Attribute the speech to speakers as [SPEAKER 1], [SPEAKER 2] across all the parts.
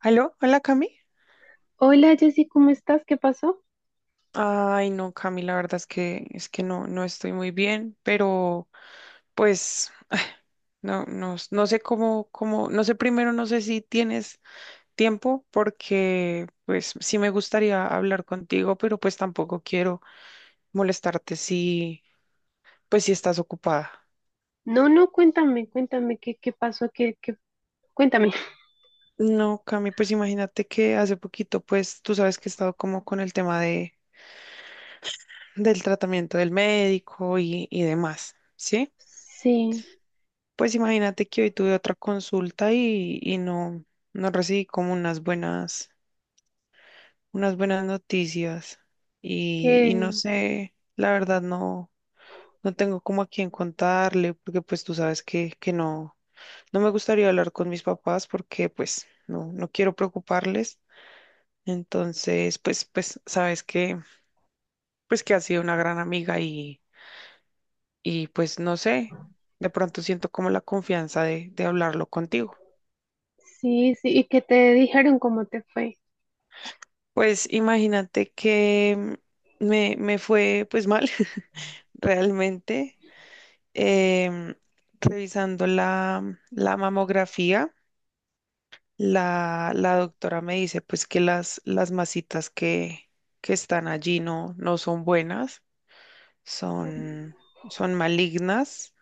[SPEAKER 1] ¿Aló? ¿Hola, Cami?
[SPEAKER 2] Hola Jessy, ¿cómo estás? ¿Qué pasó?
[SPEAKER 1] Ay, no, Cami, la verdad es que no estoy muy bien, pero pues no sé cómo, cómo, no sé primero, no sé si tienes tiempo, porque pues sí me gustaría hablar contigo, pero pues tampoco quiero molestarte si, pues si estás ocupada.
[SPEAKER 2] No, no, cuéntame, cuéntame qué, qué pasó, qué, qué, cuéntame.
[SPEAKER 1] No, Cami, pues imagínate que hace poquito, pues tú sabes que he estado como con el tema del tratamiento del médico y demás, ¿sí?
[SPEAKER 2] Sí,
[SPEAKER 1] Pues imagínate que hoy tuve otra consulta y, no recibí como unas buenas noticias. Y no
[SPEAKER 2] que
[SPEAKER 1] sé, la verdad no, no tengo como a quién contarle, porque pues tú sabes que, no me gustaría hablar con mis papás porque pues no, no quiero preocuparles. Entonces, pues, pues sabes que, pues que ha sido una gran amiga y pues no sé, de pronto siento como la confianza de hablarlo contigo.
[SPEAKER 2] sí, sí, y qué te dijeron, cómo te fue.
[SPEAKER 1] Pues imagínate que me fue pues mal realmente em, revisando la mamografía. La doctora me dice pues que las masitas que están allí no, no son buenas, son, son malignas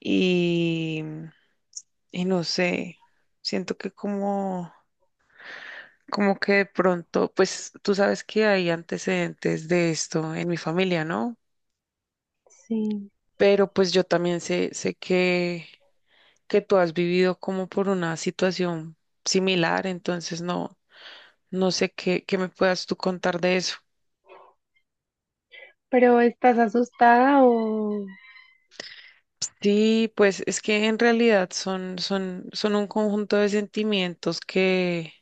[SPEAKER 1] y, y no sé, siento que como, como que de pronto, pues tú sabes que hay antecedentes de esto en mi familia, ¿no?
[SPEAKER 2] Sí,
[SPEAKER 1] Pero pues yo también sé, sé que tú has vivido como por una situación similar, entonces no, no sé qué, qué me puedas tú contar de eso.
[SPEAKER 2] pero ¿estás asustada o
[SPEAKER 1] Sí, pues es que en realidad son, son un conjunto de sentimientos que,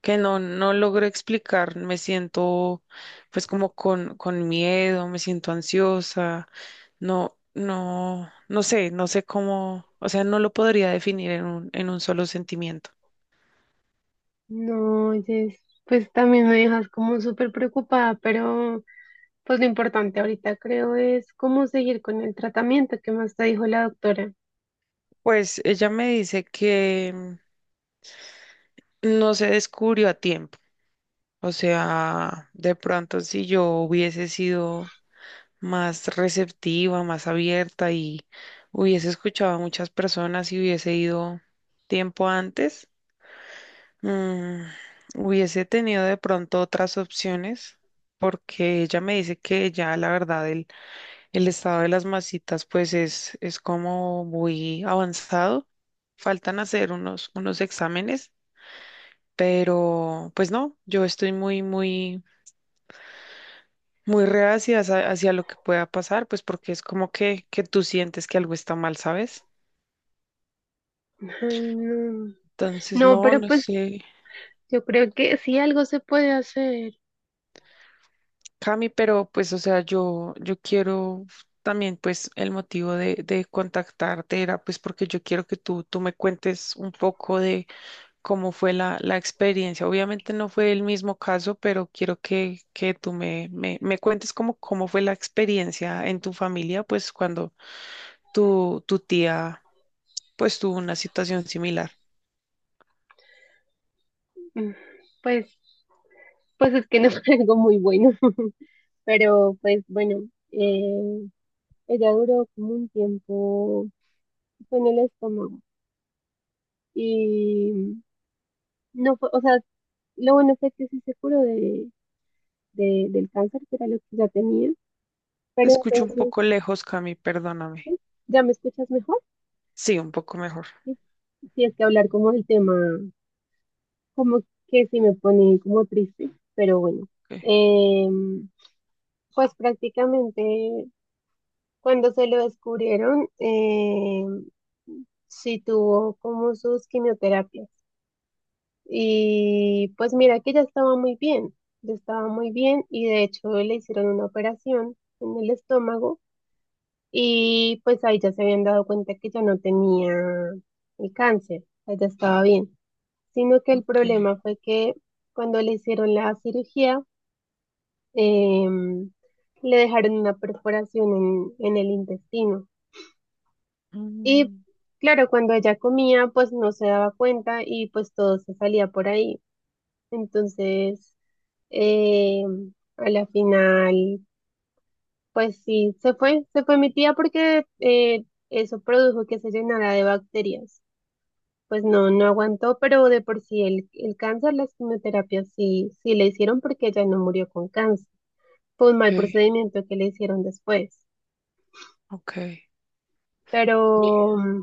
[SPEAKER 1] no logro explicar. Me siento pues como con miedo, me siento ansiosa, no sé, no sé cómo, o sea, no lo podría definir en un solo sentimiento.
[SPEAKER 2] no, Jess? Pues también me dejas como súper preocupada, pero pues lo importante ahorita creo es cómo seguir con el tratamiento. Que más te dijo la doctora?
[SPEAKER 1] Pues ella me dice que no se descubrió a tiempo. O sea, de pronto si yo hubiese sido más receptiva, más abierta y hubiese escuchado a muchas personas y hubiese ido tiempo antes, mm, hubiese tenido de pronto otras opciones. Porque ella me dice que ya la verdad el estado de las masitas pues es como muy avanzado. Faltan hacer unos, unos exámenes pero pues no, yo estoy muy, muy, muy reacia hacia, hacia lo que pueda pasar, pues porque es como que tú sientes que algo está mal, ¿sabes?
[SPEAKER 2] Ay, no.
[SPEAKER 1] Entonces,
[SPEAKER 2] No,
[SPEAKER 1] no,
[SPEAKER 2] pero
[SPEAKER 1] no
[SPEAKER 2] pues
[SPEAKER 1] sé,
[SPEAKER 2] yo creo que sí algo se puede hacer.
[SPEAKER 1] Cami, pero pues, o sea, yo quiero también, pues, el motivo de contactarte era, pues, porque yo quiero que tú me cuentes un poco de cómo fue la experiencia. Obviamente no fue el mismo caso, pero quiero que tú me cuentes cómo, cómo fue la experiencia en tu familia, pues, cuando tu tía, pues tuvo una situación similar.
[SPEAKER 2] Mm, pues, pues es que no fue algo muy bueno. Pero pues bueno, eh, ella duró como un tiempo, fue en el estómago. Y no fue, o sea, lo bueno fue que sí se curó del cáncer, que era lo que ya tenía.
[SPEAKER 1] Te
[SPEAKER 2] Pero
[SPEAKER 1] escucho un
[SPEAKER 2] entonces,
[SPEAKER 1] poco lejos, Cami,
[SPEAKER 2] ¿sí?
[SPEAKER 1] perdóname.
[SPEAKER 2] ¿Ya me escuchas mejor?
[SPEAKER 1] Sí, un poco mejor.
[SPEAKER 2] Sí, sí, es que hablar como del tema, como que sí me pone como triste, pero bueno.
[SPEAKER 1] Ok,
[SPEAKER 2] Em, pues prácticamente cuando se lo descubrieron, sí tuvo como sus quimioterapias. Y pues mira que ya estaba muy bien, ya estaba muy bien, y de hecho le hicieron una operación en el estómago y pues ahí ya se habían dado cuenta que ya no tenía el cáncer, o sea, ya estaba bien, sino que el
[SPEAKER 1] ok.
[SPEAKER 2] problema fue que cuando le hicieron la cirugía em, le dejaron una perforación en el intestino y
[SPEAKER 1] Mm,
[SPEAKER 2] claro, cuando ella comía pues no se daba cuenta y pues todo se salía por ahí. Entonces, Eh, a la final, pues sí, se fue mi tía porque eso produjo que se llenara de bacterias. Pues no, no aguantó, pero de por sí el cáncer, las quimioterapias sí, sí le hicieron, porque ella no murió con cáncer. Fue un
[SPEAKER 1] ok,
[SPEAKER 2] mal procedimiento que le hicieron después.
[SPEAKER 1] ok. Bien.
[SPEAKER 2] Pero, mm,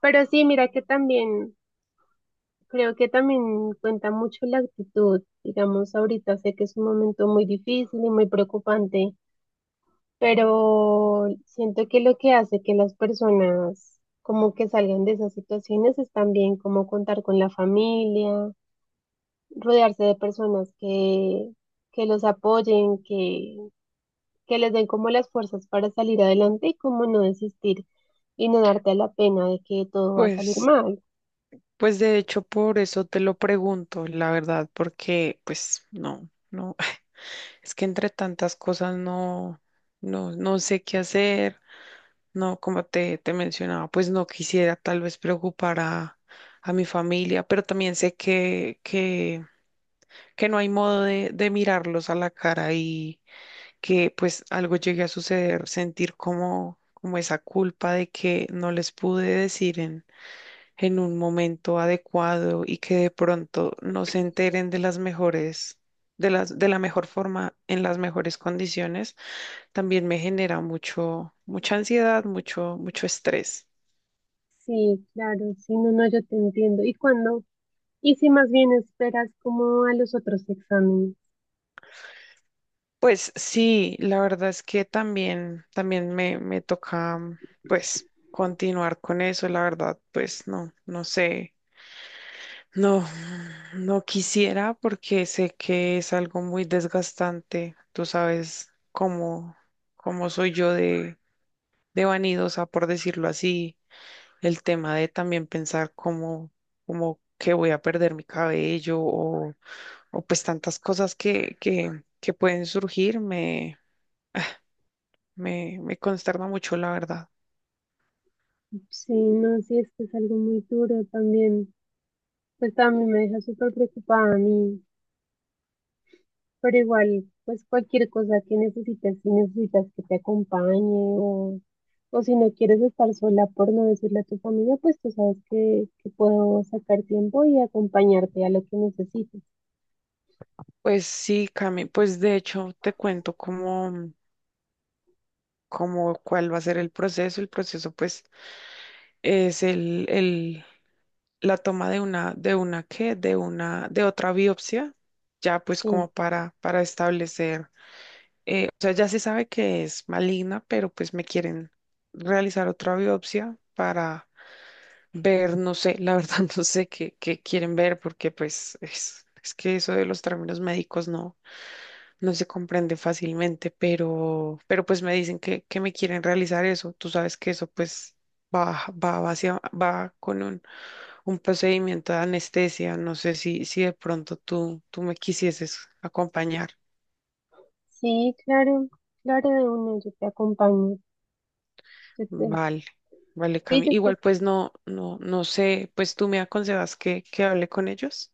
[SPEAKER 2] pero sí, mira que también, creo que también cuenta mucho la actitud. Digamos, ahorita sé que es un momento muy difícil y muy preocupante, pero siento que lo que hace que las personas como que salgan de esas situaciones es también como contar con la familia, rodearse de personas que los apoyen, que les den como las fuerzas para salir adelante y como no desistir y no darte a la pena de que todo va a salir
[SPEAKER 1] Pues,
[SPEAKER 2] mal.
[SPEAKER 1] pues de hecho, por eso te lo pregunto, la verdad, porque pues no, no, es que entre tantas cosas no sé qué hacer. No, como te mencionaba, pues no quisiera tal vez preocupar a mi familia, pero también sé que, que no hay modo de mirarlos a la cara y que pues algo llegue a suceder, sentir como, como esa culpa de que no les pude decir en un momento adecuado y que de pronto no se enteren de las mejores, de la mejor forma, en las mejores condiciones, también me genera mucho, mucha ansiedad, mucho, mucho estrés.
[SPEAKER 2] Sí, claro, sí, no, no, yo te entiendo. ¿Y cuando y si más bien esperas como a los otros exámenes?
[SPEAKER 1] Pues sí, la verdad es que también, también me toca, pues, continuar con eso, la verdad, pues no, no sé, no, no quisiera porque sé que es algo muy desgastante, tú sabes cómo, cómo soy yo de vanidosa, por decirlo así, el tema de también pensar cómo, cómo que voy a perder mi cabello o pues tantas cosas que pueden surgir, me consterna mucho, la verdad.
[SPEAKER 2] Sí, no, sí, es que es algo muy duro también. Pues también me deja súper preocupada a mí, pero igual, pues cualquier cosa que necesites, si necesitas que te acompañe, o si no quieres estar sola por no decirle a tu familia, pues tú sabes que puedo sacar tiempo y acompañarte a lo que necesites.
[SPEAKER 1] Pues sí, Cami, pues de hecho te cuento cómo, cómo cuál va a ser el proceso. El proceso, pues, es el, la toma de una, de una, de otra biopsia, ya pues
[SPEAKER 2] Sí,
[SPEAKER 1] como para establecer, o sea, ya se sabe que es maligna, pero pues me quieren realizar otra biopsia para ver, no sé, la verdad no sé qué, qué quieren ver, porque pues es que eso de los términos médicos no. No se comprende fácilmente, pero pues me dicen que me quieren realizar eso. Tú sabes que eso pues va, va hacia, va con un procedimiento de anestesia. No sé si, si de pronto tú, tú me quisieses acompañar.
[SPEAKER 2] sí, claro, claro de uno, yo te acompaño. Yo te,
[SPEAKER 1] Vale, vale,
[SPEAKER 2] sí,
[SPEAKER 1] Cami.
[SPEAKER 2] yo te,
[SPEAKER 1] Igual pues no, no sé, pues tú me aconsejas que hable con ellos.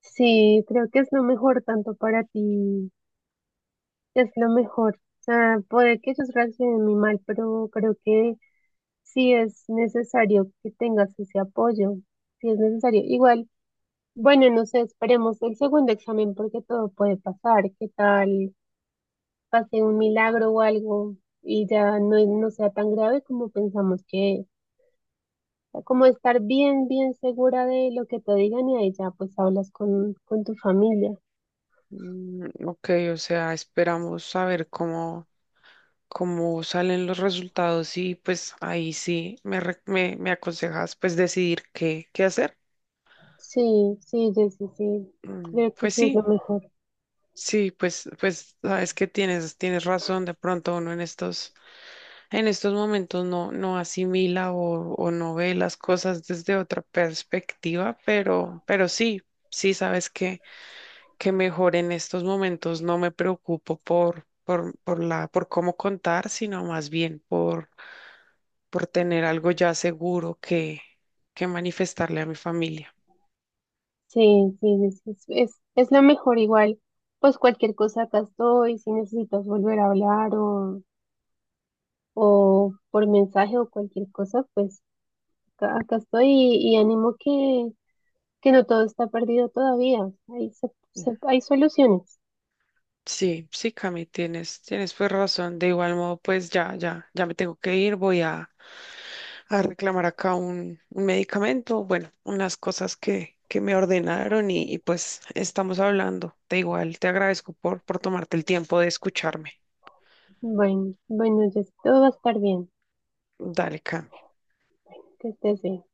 [SPEAKER 2] sí, creo que es lo mejor, tanto para ti, es lo mejor. O sea, puede que ellos reaccionen muy mal, pero creo que si es necesario que tengas ese apoyo, si es necesario. Igual, bueno, no sé, esperemos el segundo examen porque todo puede pasar. ¿Qué tal pase un milagro o algo y ya no, no sea tan grave como pensamos que es? O sea, como estar bien, bien segura de lo que te digan, y ahí ya pues hablas con tu familia.
[SPEAKER 1] Mm, ok, o sea, esperamos saber cómo, cómo salen los resultados y pues ahí sí me, me, me aconsejas pues decidir qué, qué hacer.
[SPEAKER 2] Sí, sí, Jessy, sí,
[SPEAKER 1] Mm,
[SPEAKER 2] creo que
[SPEAKER 1] pues
[SPEAKER 2] sí es lo
[SPEAKER 1] sí,
[SPEAKER 2] mejor.
[SPEAKER 1] sí, pues, pues sabes que tienes, tienes razón, de pronto uno en estos momentos no, no asimila o no ve las cosas desde otra perspectiva, pero sí, sí sabes que mejor en estos momentos no me preocupo por, por cómo contar, sino más bien por tener algo ya seguro que manifestarle a mi familia.
[SPEAKER 2] Sí, sí, es lo mejor igual. Pues cualquier cosa acá estoy, si necesitas volver a hablar o por mensaje o cualquier cosa, pues acá, acá estoy y animo, que no todo está perdido todavía. Hay, hay soluciones.
[SPEAKER 1] Sí, sí, Cami, tienes, tienes pues razón. De igual modo, pues ya, ya me tengo que ir. Voy a reclamar acá un medicamento, bueno, unas cosas que me ordenaron y, pues estamos hablando. De igual, te agradezco por tomarte el tiempo de escucharme.
[SPEAKER 2] Bueno, bueno, ya todo va a estar bien.
[SPEAKER 1] Dale, Cami.
[SPEAKER 2] Que estés bien.